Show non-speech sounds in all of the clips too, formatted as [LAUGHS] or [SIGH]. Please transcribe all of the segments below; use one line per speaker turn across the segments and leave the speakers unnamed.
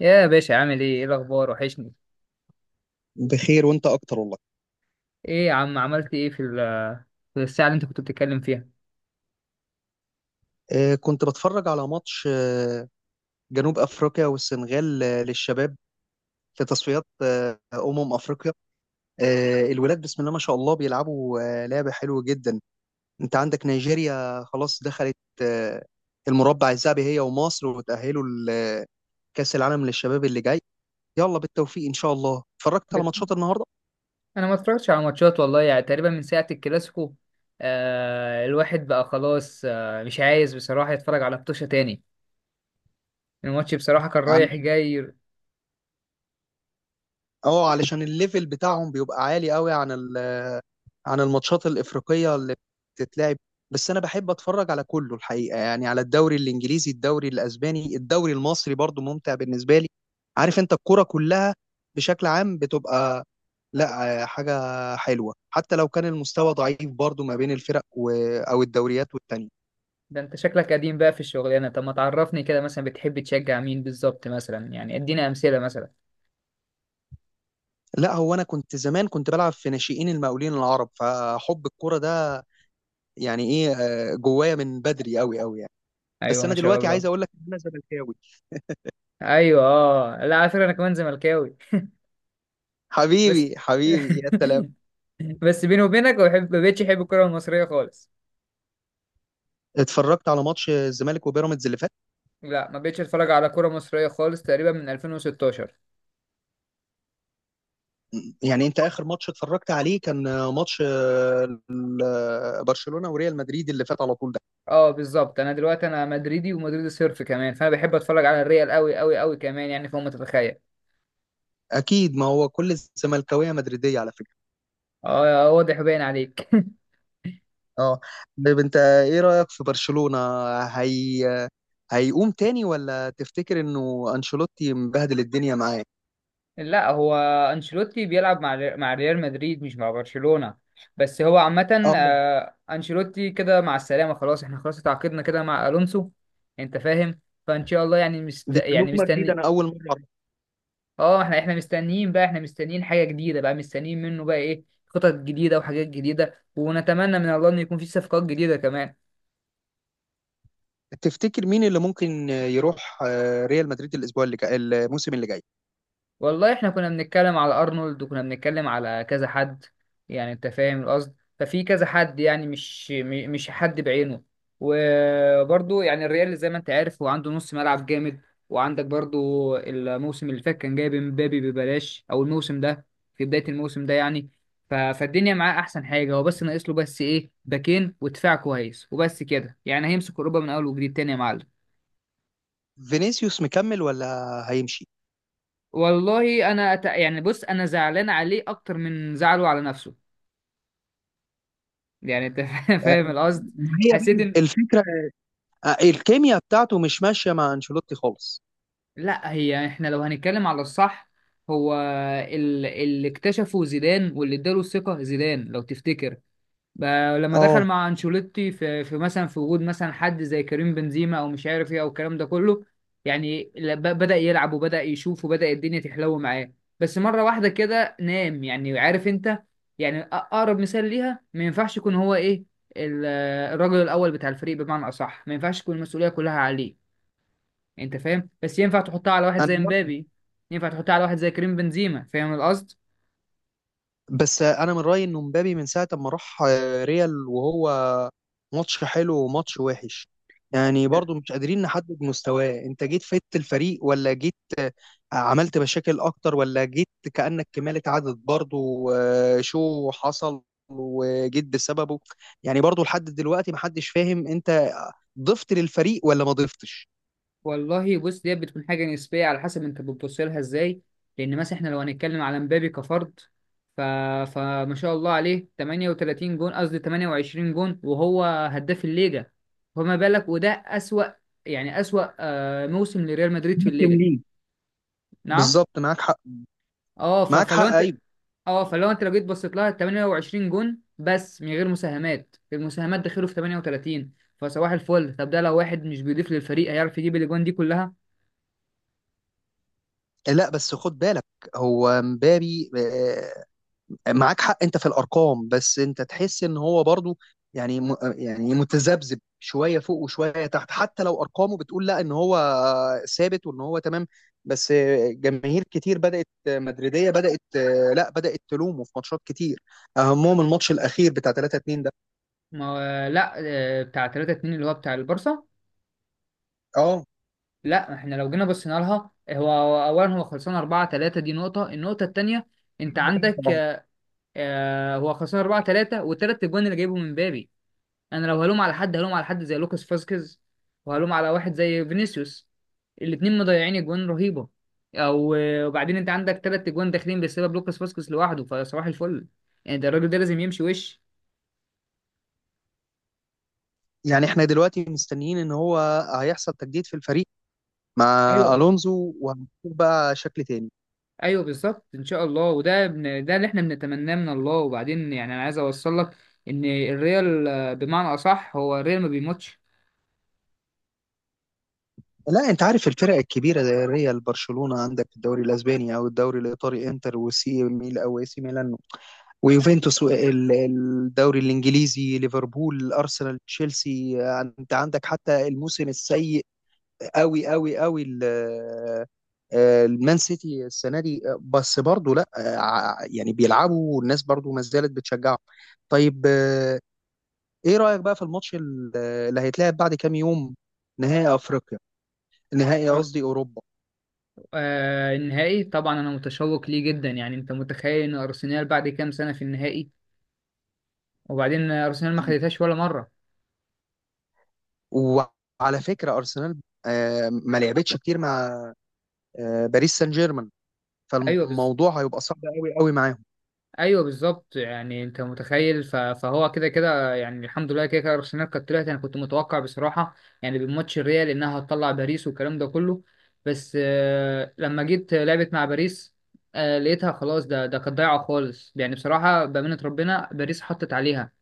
يا باشا، عامل ايه الاخبار؟ وحشني.
بخير وانت اكتر والله.
ايه يا عم، عملت ايه في الساعه اللي انت كنت بتتكلم فيها؟
كنت بتفرج على ماتش جنوب افريقيا والسنغال، للشباب في تصفيات افريقيا. الولاد بسم الله ما شاء الله بيلعبوا لعبة حلوة جدا. انت عندك نيجيريا خلاص دخلت آه، المربع الذهبي هي ومصر، وتأهلوا لكأس العالم للشباب اللي جاي. يلا بالتوفيق ان شاء الله. اتفرجت على
بت-
ماتشات النهارده؟
انا ما اتفرجتش على ماتشات والله، يعني تقريبا من ساعه الكلاسيكو. الواحد بقى خلاص، مش عايز بصراحه يتفرج على ماتش تاني. الماتش بصراحه كان رايح جاي.
اه، علشان الليفل بتاعهم بيبقى عالي قوي عن عن الماتشات الافريقيه اللي بتتلعب. بس انا بحب اتفرج على كله الحقيقه، يعني على الدوري الانجليزي، الدوري الاسباني، الدوري المصري برضو ممتع بالنسبه لي. عارف انت، الكرة كلها بشكل عام بتبقى لا حاجه حلوه، حتى لو كان المستوى ضعيف برضو ما بين الفرق او الدوريات والتانية.
ده انت شكلك قديم بقى في الشغلانه. طب ما تعرفني كده، مثلا بتحب تشجع مين بالظبط؟ مثلا يعني ادينا امثله مثلا.
لا هو انا كنت زمان كنت بلعب في ناشئين المقاولين العرب، فحب الكرة ده يعني ايه، جوايا من بدري قوي قوي يعني. بس
ايوه ما
انا
شاء
دلوقتي
الله.
عايز اقول لك ان انا زملكاوي.
ايوه اه، لا على فكره انا كمان زملكاوي بس.
حبيبي حبيبي
[LAUGHS]
يا سلام.
بس بيني وبينك، ما بقتش احب الكرة المصرية خالص.
اتفرجت على ماتش الزمالك وبيراميدز اللي فات؟
لا، ما بقتش اتفرج على كرة مصرية خالص تقريبا من 2016.
يعني انت اخر ماتش اتفرجت عليه كان ماتش برشلونة وريال مدريد اللي فات على طول ده؟
اه بالظبط، انا دلوقتي انا مدريدي، ومدريدي صرف كمان، فانا بحب اتفرج على الريال قوي قوي قوي كمان، يعني فوق ما تتخيل.
اكيد، ما هو كل الزملكاويه مدريديه على فكره.
اه واضح باين عليك.
اه. طيب انت ايه رايك في برشلونة، هي هيقوم تاني، ولا تفتكر انه انشيلوتي مبهدل الدنيا معاه؟
[LAUGHS] لا هو انشيلوتي بيلعب مع مع ريال مدريد، مش مع برشلونة. بس هو عامة
اه،
انشيلوتي كده مع السلامة، خلاص احنا خلاص اتعاقدنا كده مع الونسو. انت فاهم، فان شاء الله يعني
دي معلومه جديده،
مستني.
انا اول مره.
اه، احنا مستنيين بقى، احنا مستنيين حاجة جديدة بقى، مستنيين منه بقى ايه؟ خطط جديدة وحاجات جديدة، ونتمنى من الله ان يكون في صفقات جديدة كمان.
تفتكر مين اللي ممكن يروح ريال مدريد الاسبوع اللي جاي، الموسم اللي جاي؟
والله احنا كنا بنتكلم على ارنولد، وكنا بنتكلم على كذا حد. يعني انت فاهم القصد، ففي كذا حد يعني مش حد بعينه. وبرضه يعني الريال زي ما انت عارف هو عنده نص ملعب جامد، وعندك برضه الموسم اللي فات كان جايب امبابي ببلاش، او الموسم ده في بداية الموسم ده يعني. فالدنيا معاه احسن حاجة، هو بس ناقص له بس ايه؟ باكين ودفاع كويس، وبس كده يعني هيمسك اوروبا من اول وجديد تاني يا معلم.
فينيسيوس مكمل ولا هيمشي؟
والله انا أت... يعني بص انا زعلان عليه اكتر من زعله على نفسه. يعني انت [LAUGHS]
آه،
فاهم القصد.
ما هي
حسيت ان،
بقى الفكره، الكيمياء بتاعته مش ماشيه مع انشيلوتي خالص.
لا هي احنا لو هنتكلم على الصح، هو اللي اكتشفه زيدان واللي اداله الثقة زيدان لو تفتكر، بقى لما دخل
اه
مع انشيلوتي في مثلا في وجود مثلا حد زي كريم بنزيما، او مش عارف ايه او الكلام ده كله، يعني بدأ يلعب وبدأ يشوف، وبدأ الدنيا تحلو معاه. بس مرة واحدة كده نام، يعني عارف انت، يعني اقرب مثال ليها ما ينفعش يكون هو ايه ال- الراجل الاول بتاع الفريق، بمعنى اصح ما ينفعش تكون المسؤولية كلها عليه. انت فاهم، بس ينفع تحطها على واحد زي
انا.
مبابي، ينفع تحطها على واحد زي كريم بنزيما، فاهم القصد.
بس انا من رايي انه مبابي من ساعه ما راح ريال وهو ماتش حلو وماتش وحش، يعني برضو مش قادرين نحدد مستواه. انت جيت فدت الفريق، ولا جيت عملت مشاكل اكتر، ولا جيت كأنك كمالة عدد برضه وشو حصل وجيت بسببه؟ يعني برضه لحد دلوقتي محدش فاهم انت ضفت للفريق ولا ما ضفتش.
والله بص، دي بتكون حاجة نسبية على حسب انت بتبص لها ازاي. لان مثلا احنا لو هنتكلم على مبابي كفرد، ف... فما شاء الله عليه 38 جون، قصدي 28 جون، وهو هداف الليجا. فما بالك؟ وده أسوأ يعني أسوأ موسم لريال مدريد في
مقدم
الليجا.
ليه؟
نعم.
بالظبط معاك حق.
اه
معاك حق
فلو انت،
ايوه.
اه فلو انت لو جيت بصيت لها 28 جون بس من غير مساهمات، المساهمات دخلوا في 38، فصباح الفل. طب ده لو واحد مش بيضيف للفريق، هيعرف يجيب الاجوان دي كلها؟
لا بس خد بالك، هو مبابي معاك حق انت في الارقام، بس انت تحس ان هو برضو يعني يعني متذبذب شويه فوق وشويه تحت، حتى لو ارقامه بتقول لا ان هو ثابت وان هو تمام. بس جماهير كتير بدات مدريديه بدات لا بدات تلومه في ماتشات كتير، اهمهم الماتش الاخير بتاع 3-2 ده.
ما هو لا بتاع 3-2 اللي هو بتاع البارسا.
اه
لا احنا لو جينا بصينا لها، هو هو اولا هو خلصان 4-3، دي نقطة. النقطة التانية انت عندك
طبعا.
هو خلصان 4 3، والتلات اجوان اللي جايبهم من بابي. انا لو هلوم على حد، هلوم على حد زي لوكاس فاسكيز، وهلوم على واحد زي فينيسيوس. الاتنين مضيعين اجوان رهيبة. او وبعدين انت عندك تلات اجوان داخلين بسبب لوكاس فاسكيز لوحده، فصباح الفل. يعني ده الراجل ده لازم يمشي وش.
يعني احنا دلوقتي مستنيين ان هو هيحصل تجديد في الفريق مع
ايوه،
الونزو، وهنشوف بقى شكل تاني.
ايوه بالظبط ان شاء الله، ده اللي احنا بنتمناه من الله. وبعدين يعني انا عايز اوصل لك ان الريال بمعنى اصح هو الريال ما بيموتش.
لا انت عارف الفرق الكبيره زي الريال، برشلونه، عندك الدوري الاسباني او الدوري الايطالي، انتر وسي ميل او اي سي ميلان ويوفنتوس، وال- الدوري الانجليزي، ليفربول، ارسنال، تشيلسي. انت عندك حتى الموسم السيء قوي قوي قوي المان سيتي السنه دي، بس برضه لا، يعني بيلعبوا والناس برضه ما زالت بتشجعهم. طيب ايه رايك بقى في الماتش اللي هيتلعب بعد كام يوم، نهائي افريقيا، قصدي اوروبا؟
آه النهائي طبعا انا متشوق ليه جدا، يعني انت متخيل ان ارسنال بعد كام سنه في النهائي، وبعدين ارسنال ما خدتهاش ولا مره.
وعلى فكرة أرسنال ما لعبتش كتير مع باريس سان جيرمان،
ايوه بالظبط،
فالموضوع هيبقى صعب قوي قوي معاهم.
ايوه بالظبط يعني انت متخيل، فهو كده كده يعني الحمد لله كده كده ارسنال كانت طلعت. انا كنت متوقع بصراحه يعني بماتش الريال انها هتطلع باريس والكلام ده كله. بس لما جيت لعبت مع باريس، لقيتها خلاص. ده كانت ضايعه خالص، يعني بصراحه بامانه ربنا باريس حطت عليها.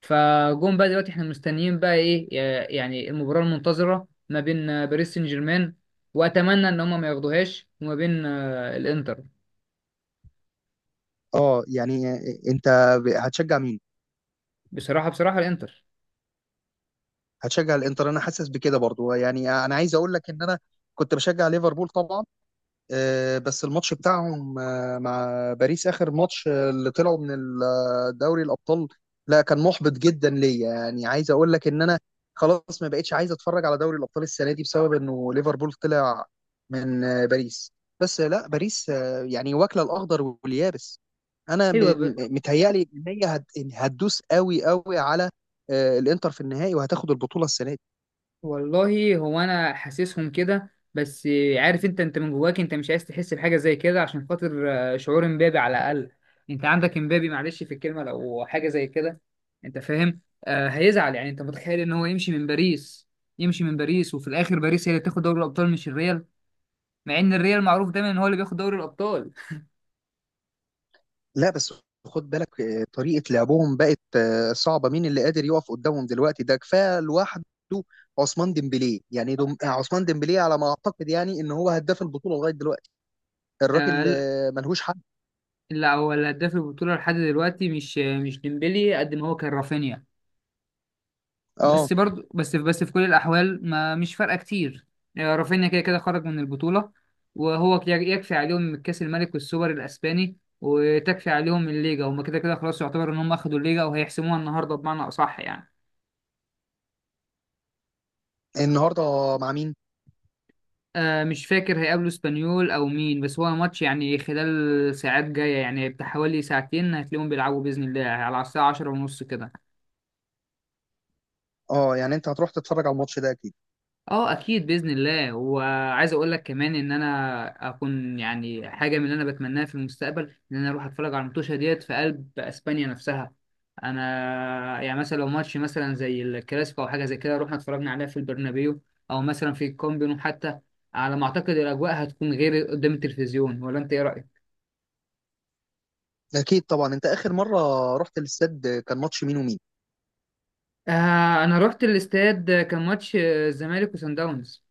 فجون بقى دلوقتي احنا مستنيين بقى ايه؟ يعني المباراه المنتظره ما بين باريس سان جيرمان، واتمنى ان هم ما ياخدوهاش، وما بين الانتر.
اه يعني انت هتشجع مين؟
بصراحه بصراحه الانتر.
هتشجع الانتر؟ انا حاسس بكده برضو. يعني انا عايز اقول لك ان انا كنت بشجع ليفربول طبعا، بس الماتش بتاعهم مع باريس، آخر ماتش اللي طلعوا من دوري الأبطال، لا كان محبط جدا ليا. يعني عايز أقول لك إن أنا خلاص ما بقتش عايز أتفرج على دوري الأبطال السنة دي بسبب إنه ليفربول طلع من باريس. بس لا باريس يعني واكلة الأخضر واليابس. أنا
ايوه.
متهيألي إن هي هتدوس قوي قوي على الإنتر في النهائي وهتاخد البطولة السنة دي.
والله هو انا حاسسهم كده، بس عارف انت، انت من جواك انت مش عايز تحس بحاجه زي كده عشان خاطر شعور امبابي على الاقل. انت عندك امبابي معلش في الكلمه لو حاجه زي كده. انت فاهم. آه هيزعل، يعني انت متخيل ان هو يمشي من باريس؟ يمشي من باريس وفي الاخر باريس هي اللي تاخد دوري الابطال، مش الريال، مع ان الريال معروف دايما ان هو اللي بياخد دوري الابطال.
لا بس خد بالك، طريقة لعبهم بقت صعبة. مين اللي قادر يقف قدامهم دلوقتي؟ ده كفاية لوحده عثمان ديمبلي. يعني دم... آه، عثمان ديمبلي على ما أعتقد يعني إن هو هداف البطولة لغاية دلوقتي. الراجل
آه لا،
ملهوش حل.
لا، هو الهداف البطوله لحد دلوقتي مش ديمبلي قد ما هو كان رافينيا.
اه.
بس برضو بس بس في كل الأحوال ما مش فارقة كتير. رافينيا كده كده خرج من البطولة. وهو يكفي عليهم كأس الملك والسوبر الأسباني، وتكفي عليهم الليجا. هما كده كده خلاص يعتبر إن هم أخدوا الليجا، وهيحسموها النهاردة بمعنى أصح يعني.
النهاردة مع مين؟
آه مش فاكر هيقابلوا اسبانيول أو مين، بس هو ماتش يعني خلال ساعات جاية، يعني بتاع حوالي ساعتين هتلاقيهم بيلعبوا بإذن الله، على الساعة عشرة ونص كده.
اه يعني أنت هتروح تتفرج على الماتش ده أكيد؟
اه اكيد باذن الله. وعايز اقول لك كمان ان انا اكون يعني حاجه من اللي انا بتمناها في المستقبل، ان انا اروح اتفرج على الماتشة ديت في قلب اسبانيا نفسها. انا يعني مثلا لو ماتش مثلا زي الكلاسيكو او حاجه زي كده، رحنا اتفرجنا عليها في البرنابيو، او مثلا في الكامبينو حتى، على ما اعتقد الاجواء هتكون غير قدام التلفزيون. ولا انت ايه رايك؟
أكيد طبعا. أنت آخر مرة رحت الاستاد كان ماتش مين ومين؟
آه انا رحت الاستاد كان ماتش الزمالك وسان داونز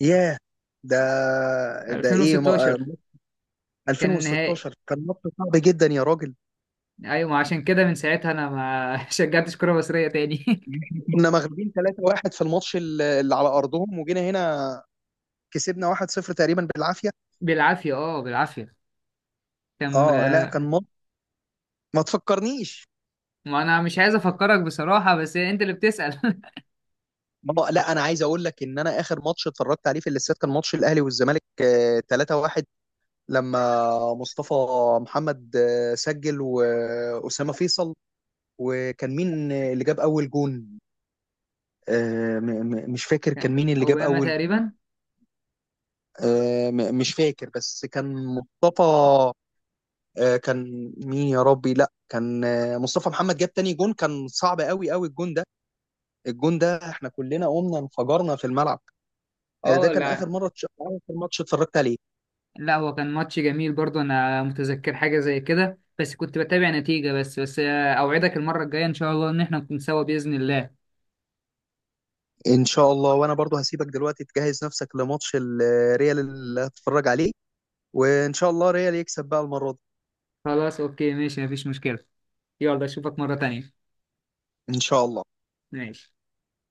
ياه، ده ده إيه ما... آه،
2016. كان النهائي.
2016 كان ماتش صعب جدا يا راجل.
ايوه، ما عشان كده من ساعتها انا ما [LAUGHS] شجعتش كرة مصرية تاني.
احنا كنا مغلوبين 3-1 في الماتش اللي على ارضهم، وجينا هنا كسبنا 1-0 تقريبا بالعافيه.
[LAUGHS] بالعافية اه بالعافية. كان
اه لا كان ماتش، ما تفكرنيش.
ما انا مش عايز افكرك بصراحة، بس انت اللي بتسأل.
ما لا انا عايز اقول لك ان انا اخر ماتش اتفرجت عليه في الاستاد كان ماتش الاهلي والزمالك 3-1، لما مصطفى محمد سجل واسامه فيصل. وكان مين اللي جاب اول جون؟ مش فاكر كان
[LAUGHS]
مين اللي جاب
اوباما
اول جون.
تقريبا.
مش فاكر، بس كان مصطفى كان مين يا ربي؟ لا كان مصطفى محمد جاب تاني جون. كان صعب قوي قوي الجون ده، الجون ده احنا كلنا قمنا انفجرنا في الملعب. ده
اه
كان اخر
لا،
مره اخر ماتش اتفرجت عليه.
لا هو كان ماتش جميل برضه، انا متذكر حاجة زي كده، بس كنت بتابع نتيجة بس. اوعدك المرة الجاية ان شاء الله ان احنا نكون سوا بإذن الله.
ان شاء الله. وانا برضو هسيبك دلوقتي تجهز نفسك لماتش الريال اللي هتتفرج عليه، وان شاء الله ريال يكسب بقى المره دي.
خلاص اوكي ماشي، مفيش مشكلة. يلا اشوفك مرة تانية.
ان شاء الله.
ماشي.